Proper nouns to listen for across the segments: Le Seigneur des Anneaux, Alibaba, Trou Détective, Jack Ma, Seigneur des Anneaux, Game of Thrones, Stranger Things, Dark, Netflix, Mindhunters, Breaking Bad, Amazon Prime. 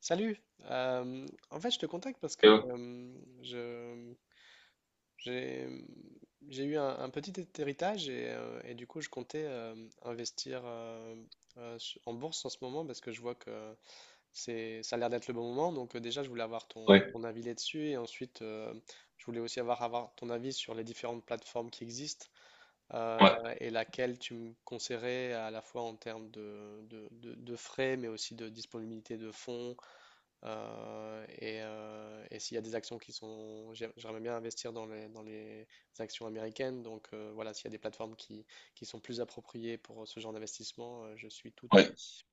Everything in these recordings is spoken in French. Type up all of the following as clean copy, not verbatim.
Salut. Euh, en fait, je te contacte parce Et que ouais, euh, je, j'ai, j'ai eu un petit héritage et du coup, je comptais investir en bourse en ce moment parce que je vois que ça a l'air d'être le bon moment. Donc déjà, je voulais avoir ton, ouais, ton avis là-dessus et ensuite, je voulais aussi avoir ton avis sur les différentes plateformes qui existent, euh, ouais. et laquelle tu me conseillerais à la fois en termes de frais mais aussi de disponibilité de fonds, et s'il y a des actions qui sont. J'aimerais bien investir dans les actions américaines. Donc voilà, s'il y a des plateformes qui sont plus appropriées pour ce genre d'investissement, je suis tout Ouais. ouïe.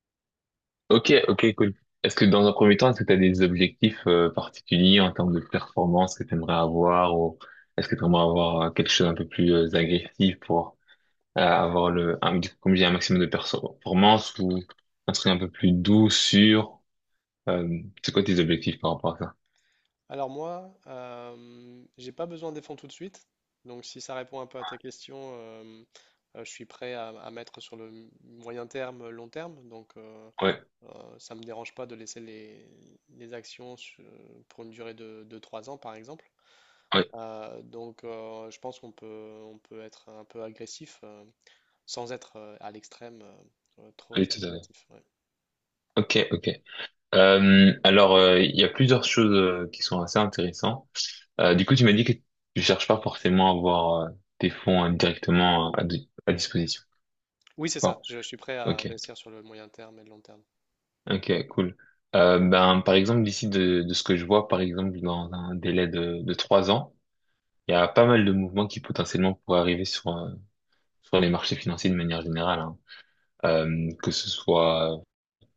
Ok, ok, cool. Est-ce que dans un premier temps, est-ce que tu as des objectifs particuliers en termes de performance que tu aimerais avoir ou est-ce que tu aimerais avoir quelque chose un peu plus agressif pour avoir le, un, du coup, comme j'ai un maximum de performance ou un truc un peu plus doux, sûr? Euh, c'est quoi tes objectifs par rapport à ça? Alors moi, j'ai pas besoin des fonds tout de suite. Donc si ça répond un peu à ta question, je suis prêt à mettre sur le moyen terme, long terme. Donc Ouais, euh, ça me dérange pas de laisser les actions pour une durée de 3 ans, par exemple. ouais, Donc je pense qu'on peut être un peu agressif, sans être à l'extrême, trop oui, tout à fait. spéculatif. Ouais. Ok, ok. Alors, il y a plusieurs choses qui sont assez intéressantes. Du coup, tu m'as dit que tu cherches pas forcément à avoir tes fonds directement hein, à disposition. Oui, c'est ça. Bon, Je suis prêt à ok, investir sur le moyen terme et le long terme. ok, cool. Ben, par exemple, de ce que je vois, par exemple, dans un délai de 3 ans, il y a pas mal de mouvements qui potentiellement pourraient arriver sur, sur les marchés financiers de manière générale, hein. Que ce soit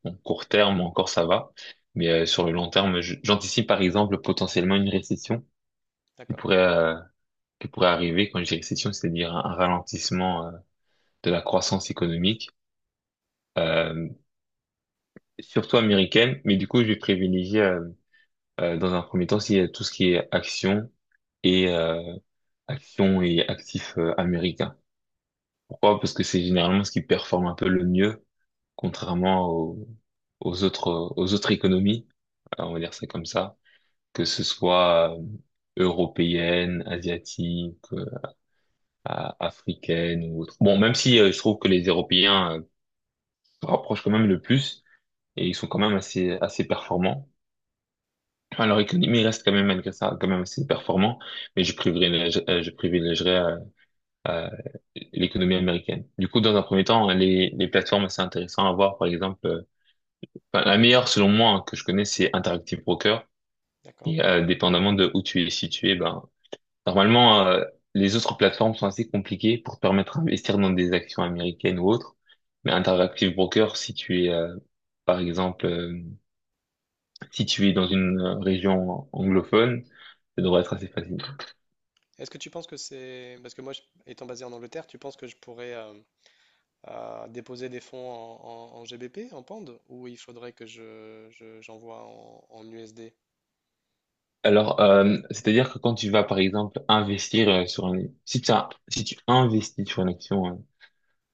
en court terme, encore ça va, mais sur le long terme, j'anticipe par exemple potentiellement une récession qui D'accord, pourrait, euh, qui pourrait arriver. Quand je dis récession, c'est-à-dire un ralentissement de la croissance économique, euh, surtout américaine. Mais du coup, je vais privilégier dans un premier temps si, tout ce qui est action et euh, et actifs américains. Pourquoi? Parce que c'est généralement ce qui performe un peu le mieux, contrairement aux autres économies, on va dire ça comme ça, que ce soit européenne, asiatique, africaine ou autre. Bon, même si je trouve que les Européens se rapprochent quand même le plus, et ils sont quand même assez, assez performants. Alors, l'économie reste quand même, malgré ça, quand même assez performant, mais je privilégierais euh, l'économie américaine. Du coup, dans un premier temps, les plateformes, c'est intéressant à voir, par exemple, enfin, la meilleure, selon moi, hein, que je connais, c'est Interactive Broker, d'accord. et dépendamment de où tu es situé, ben, normalement, les autres plateformes sont assez compliquées pour te permettre d'investir dans des actions américaines ou autres, mais Interactive Broker, si tu es, par exemple, si tu es dans une région anglophone, ça devrait être assez facile. Est-ce que tu penses que c'est. Parce que moi, étant basé en Angleterre, tu penses que je pourrais déposer des fonds en GBP, en pound, ou il faudrait que j'envoie en USD? Alors, c'est-à-dire que quand tu vas, par exemple, investir sur un... Si si tu investis sur une action euh,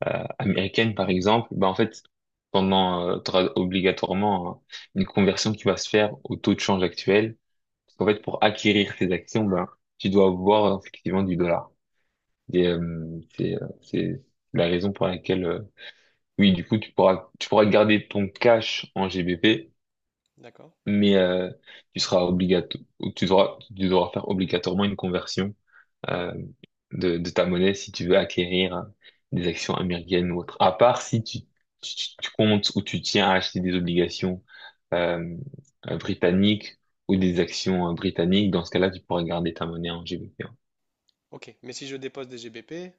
euh, américaine, par exemple, bah, en fait, pendant, tu auras obligatoirement une conversion qui va se faire au taux de change actuel. Parce qu'en fait, pour acquérir ces actions, ben tu dois avoir effectivement du dollar. Et, c'est la raison pour laquelle, oui, du coup, tu pourras garder ton cash en GBP, D'accord. mais tu seras obligato tu devras faire obligatoirement une conversion euh, de ta monnaie si tu veux acquérir des actions américaines ou autres. À part si tu comptes ou tu tiens à acheter des obligations euh, britanniques ou des actions britanniques, dans ce cas-là, tu pourras garder ta monnaie en GBP, hein. Ok. Mais si je dépose des GBP.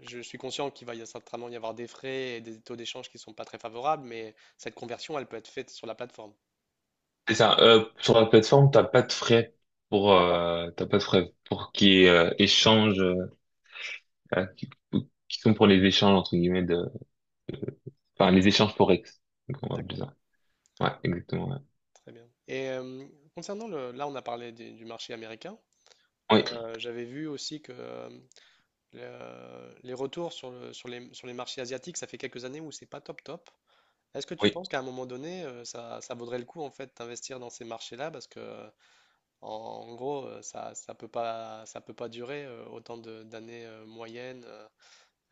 Je suis conscient qu'il va certainement y avoir des frais et des taux d'échange qui ne sont pas très favorables, mais cette conversion, elle peut être faite sur la plateforme. C'est ça. Sur la plateforme, t'as pas de frais pour D'accord, t'as pas de frais pour qui échange euh, qui, qui sont pour les échanges, entre guillemets, de, enfin, les échanges forex. Donc, on va appeler d'accord, ça. Ouais, exactement. Ouais. très bien. Et concernant là, on a parlé du marché américain. Oui, J'avais vu aussi que les retours sur les marchés asiatiques, ça fait quelques années où c'est pas top top. Est-ce que tu oui. penses qu'à un moment donné, ça vaudrait le coup en fait d'investir dans ces marchés-là parce que en gros, ça peut pas durer, autant d'années, moyennes. euh,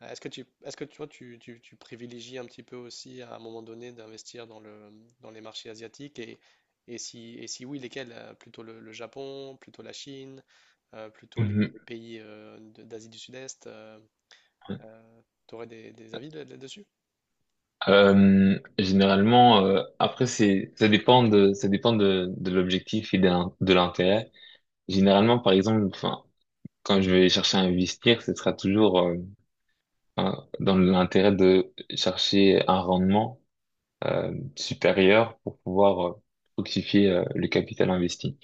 Euh, Est-ce que tu, est-ce que toi, tu privilégies un petit peu aussi à un moment donné d'investir dans les marchés asiatiques et si oui, lesquels? Plutôt le Japon, plutôt la Chine, plutôt les, Mhm. les pays, d'Asie du Sud-Est. Tu aurais des avis là-dessus? Généralement, après, ça dépend de l'objectif et de l'intérêt. Généralement, par exemple, enfin, quand je vais chercher à investir, ce sera toujours, dans l'intérêt de chercher un rendement, supérieur pour pouvoir, fructifier, le capital investi.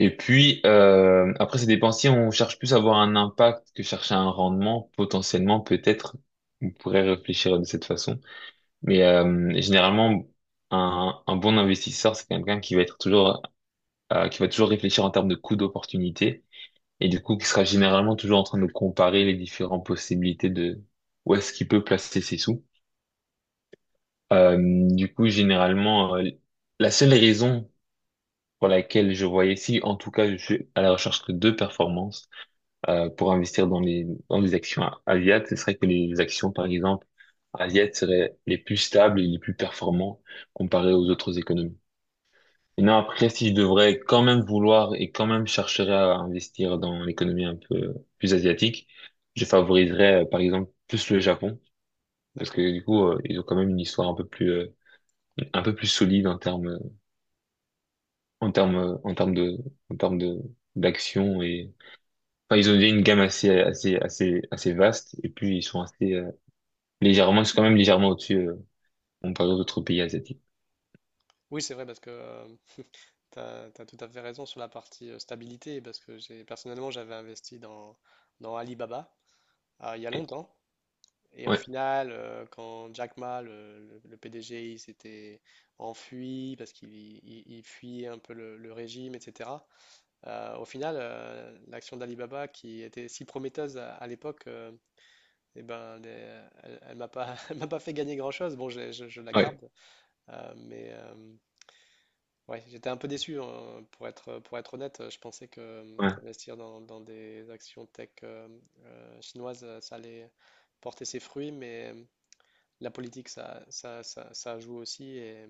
Et puis, après ces dépensiers, on cherche plus à avoir un impact que chercher un rendement. Potentiellement, peut-être, on pourrait réfléchir de cette façon. Mais généralement, un bon investisseur, c'est quelqu'un qui va être toujours, qui va toujours réfléchir en termes de coût d'opportunité et du coup, qui sera généralement toujours en train de comparer les différentes possibilités de où est-ce qu'il peut placer ses sous. Euh, du coup, généralement, la seule raison pour laquelle je voyais, si en tout cas, je suis à la recherche que de performances pour investir dans les actions asiates, ce serait que les actions, par exemple, asiates seraient les plus stables et les plus performantes comparées aux autres économies. Et non, après, si je devrais quand même vouloir et quand même chercherais à investir dans l'économie un peu plus asiatique, je favoriserais, par exemple, plus le Japon. Parce D'accord. que du coup, ils ont quand même une histoire un peu plus solide en termes, en termes, en termes de, d'action et, enfin, ils ont déjà une gamme assez, assez vaste et puis ils sont assez, légèrement, c'est quand même légèrement au-dessus, comparé aux autres pays asiatiques. Oui, c'est vrai parce que tu as tout à fait raison sur la partie, stabilité parce que j'ai personnellement j'avais investi dans Alibaba, il y a Ok. longtemps. Et au Ouais, final, quand Jack Ma, le PDG, il s'était enfui parce qu'il fuyait un peu le régime, etc. Au final, l'action d'Alibaba, qui était si prometteuse à l'époque, eh ben, elle elle m'a pas, elle m'a pas fait gagner grand-chose. Bon, je la ouais, garde, mais ouais, j'étais un peu déçu, hein, pour être honnête. Je pensais que ouais, investir dans des actions tech chinoises, ça allait porter ses fruits, mais la politique, ça joue aussi. Et,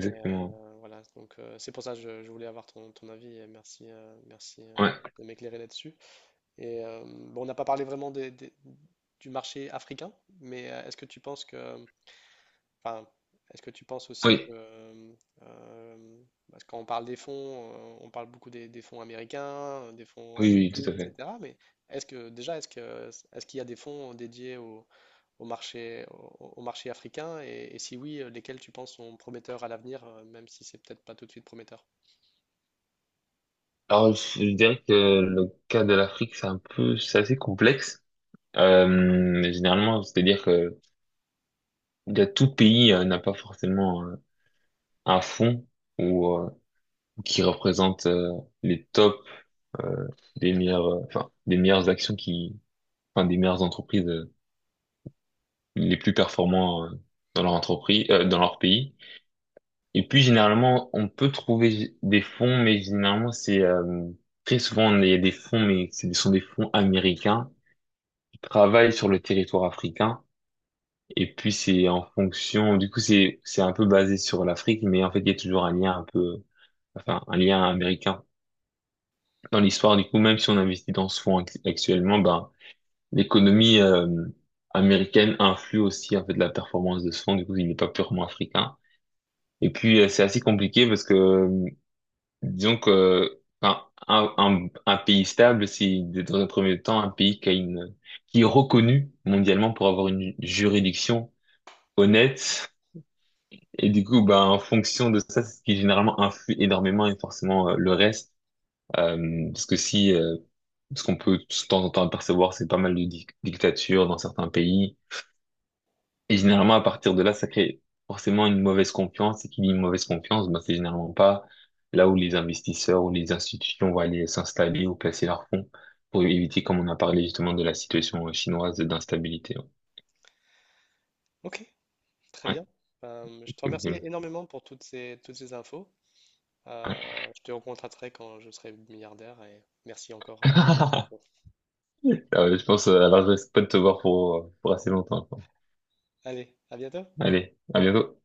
et, euh, voilà, donc euh, c'est pour ça que je voulais avoir ton avis et merci Ouais, de m'éclairer là-dessus. Et bon, on n'a pas parlé vraiment du marché africain, mais est-ce que tu penses que, enfin, est-ce que tu penses aussi que, oui, euh, euh, parce que quand on parle des fonds, on parle beaucoup des fonds américains, des fonds oui, oui, tout à asiatiques, fait. etc. Mais est-ce que déjà, est-ce qu'il y a des fonds dédiés aux au marché, au, au marché africain? Et si oui, lesquels tu penses sont prometteurs à l'avenir, même si c'est peut-être pas tout de suite prometteur? Alors, je dirais que le cas de l'Afrique, c'est un peu, c'est assez complexe. Généralement, c'est-à-dire que il y a tout pays n'a pas forcément un fond ou qui représente les tops euh, des meilleures, enfin, des meilleures actions qui, enfin, des meilleures entreprises les plus performants dans leur entreprise, dans leur pays. Et puis généralement, on peut trouver des fonds, mais généralement c'est très souvent il y a des fonds, mais ce sont des fonds américains qui travaillent sur le territoire africain. Et puis c'est en fonction, du coup c'est un peu basé sur l'Afrique, mais en fait il y a toujours un lien un peu, enfin un lien américain dans l'histoire. Du coup même si on investit dans ce fonds actuellement, ben l'économie américaine influe aussi en fait la performance de ce fonds. Du coup il n'est pas purement africain. Et puis c'est assez compliqué parce que disons que un pays stable, c'est dans un premier temps un pays qui a une, qui est reconnu mondialement pour avoir une juridiction honnête. Et du coup, ben, en fonction de ça, c'est ce qui généralement influe énormément et forcément le reste. Parce que si, ce qu'on peut de temps en temps apercevoir, c'est pas mal de dictatures dans certains pays. Et généralement, à partir de là, ça crée forcément une mauvaise confiance. Et qui dit une mauvaise confiance, ben, c'est généralement pas là où les investisseurs ou les institutions vont aller s'installer ou placer leurs fonds pour éviter, comme on a parlé justement de la situation chinoise d'instabilité. Ok, très Ouais, bien. Je te cool, remercie cool. énormément pour toutes ces infos. Ouais. Je te recontacterai quand je serai milliardaire et merci encore pour toutes ces infos. Je pense, alors je reste pas de te voir pour assez longtemps, quoi. Allez, à bientôt. Allez, à bientôt.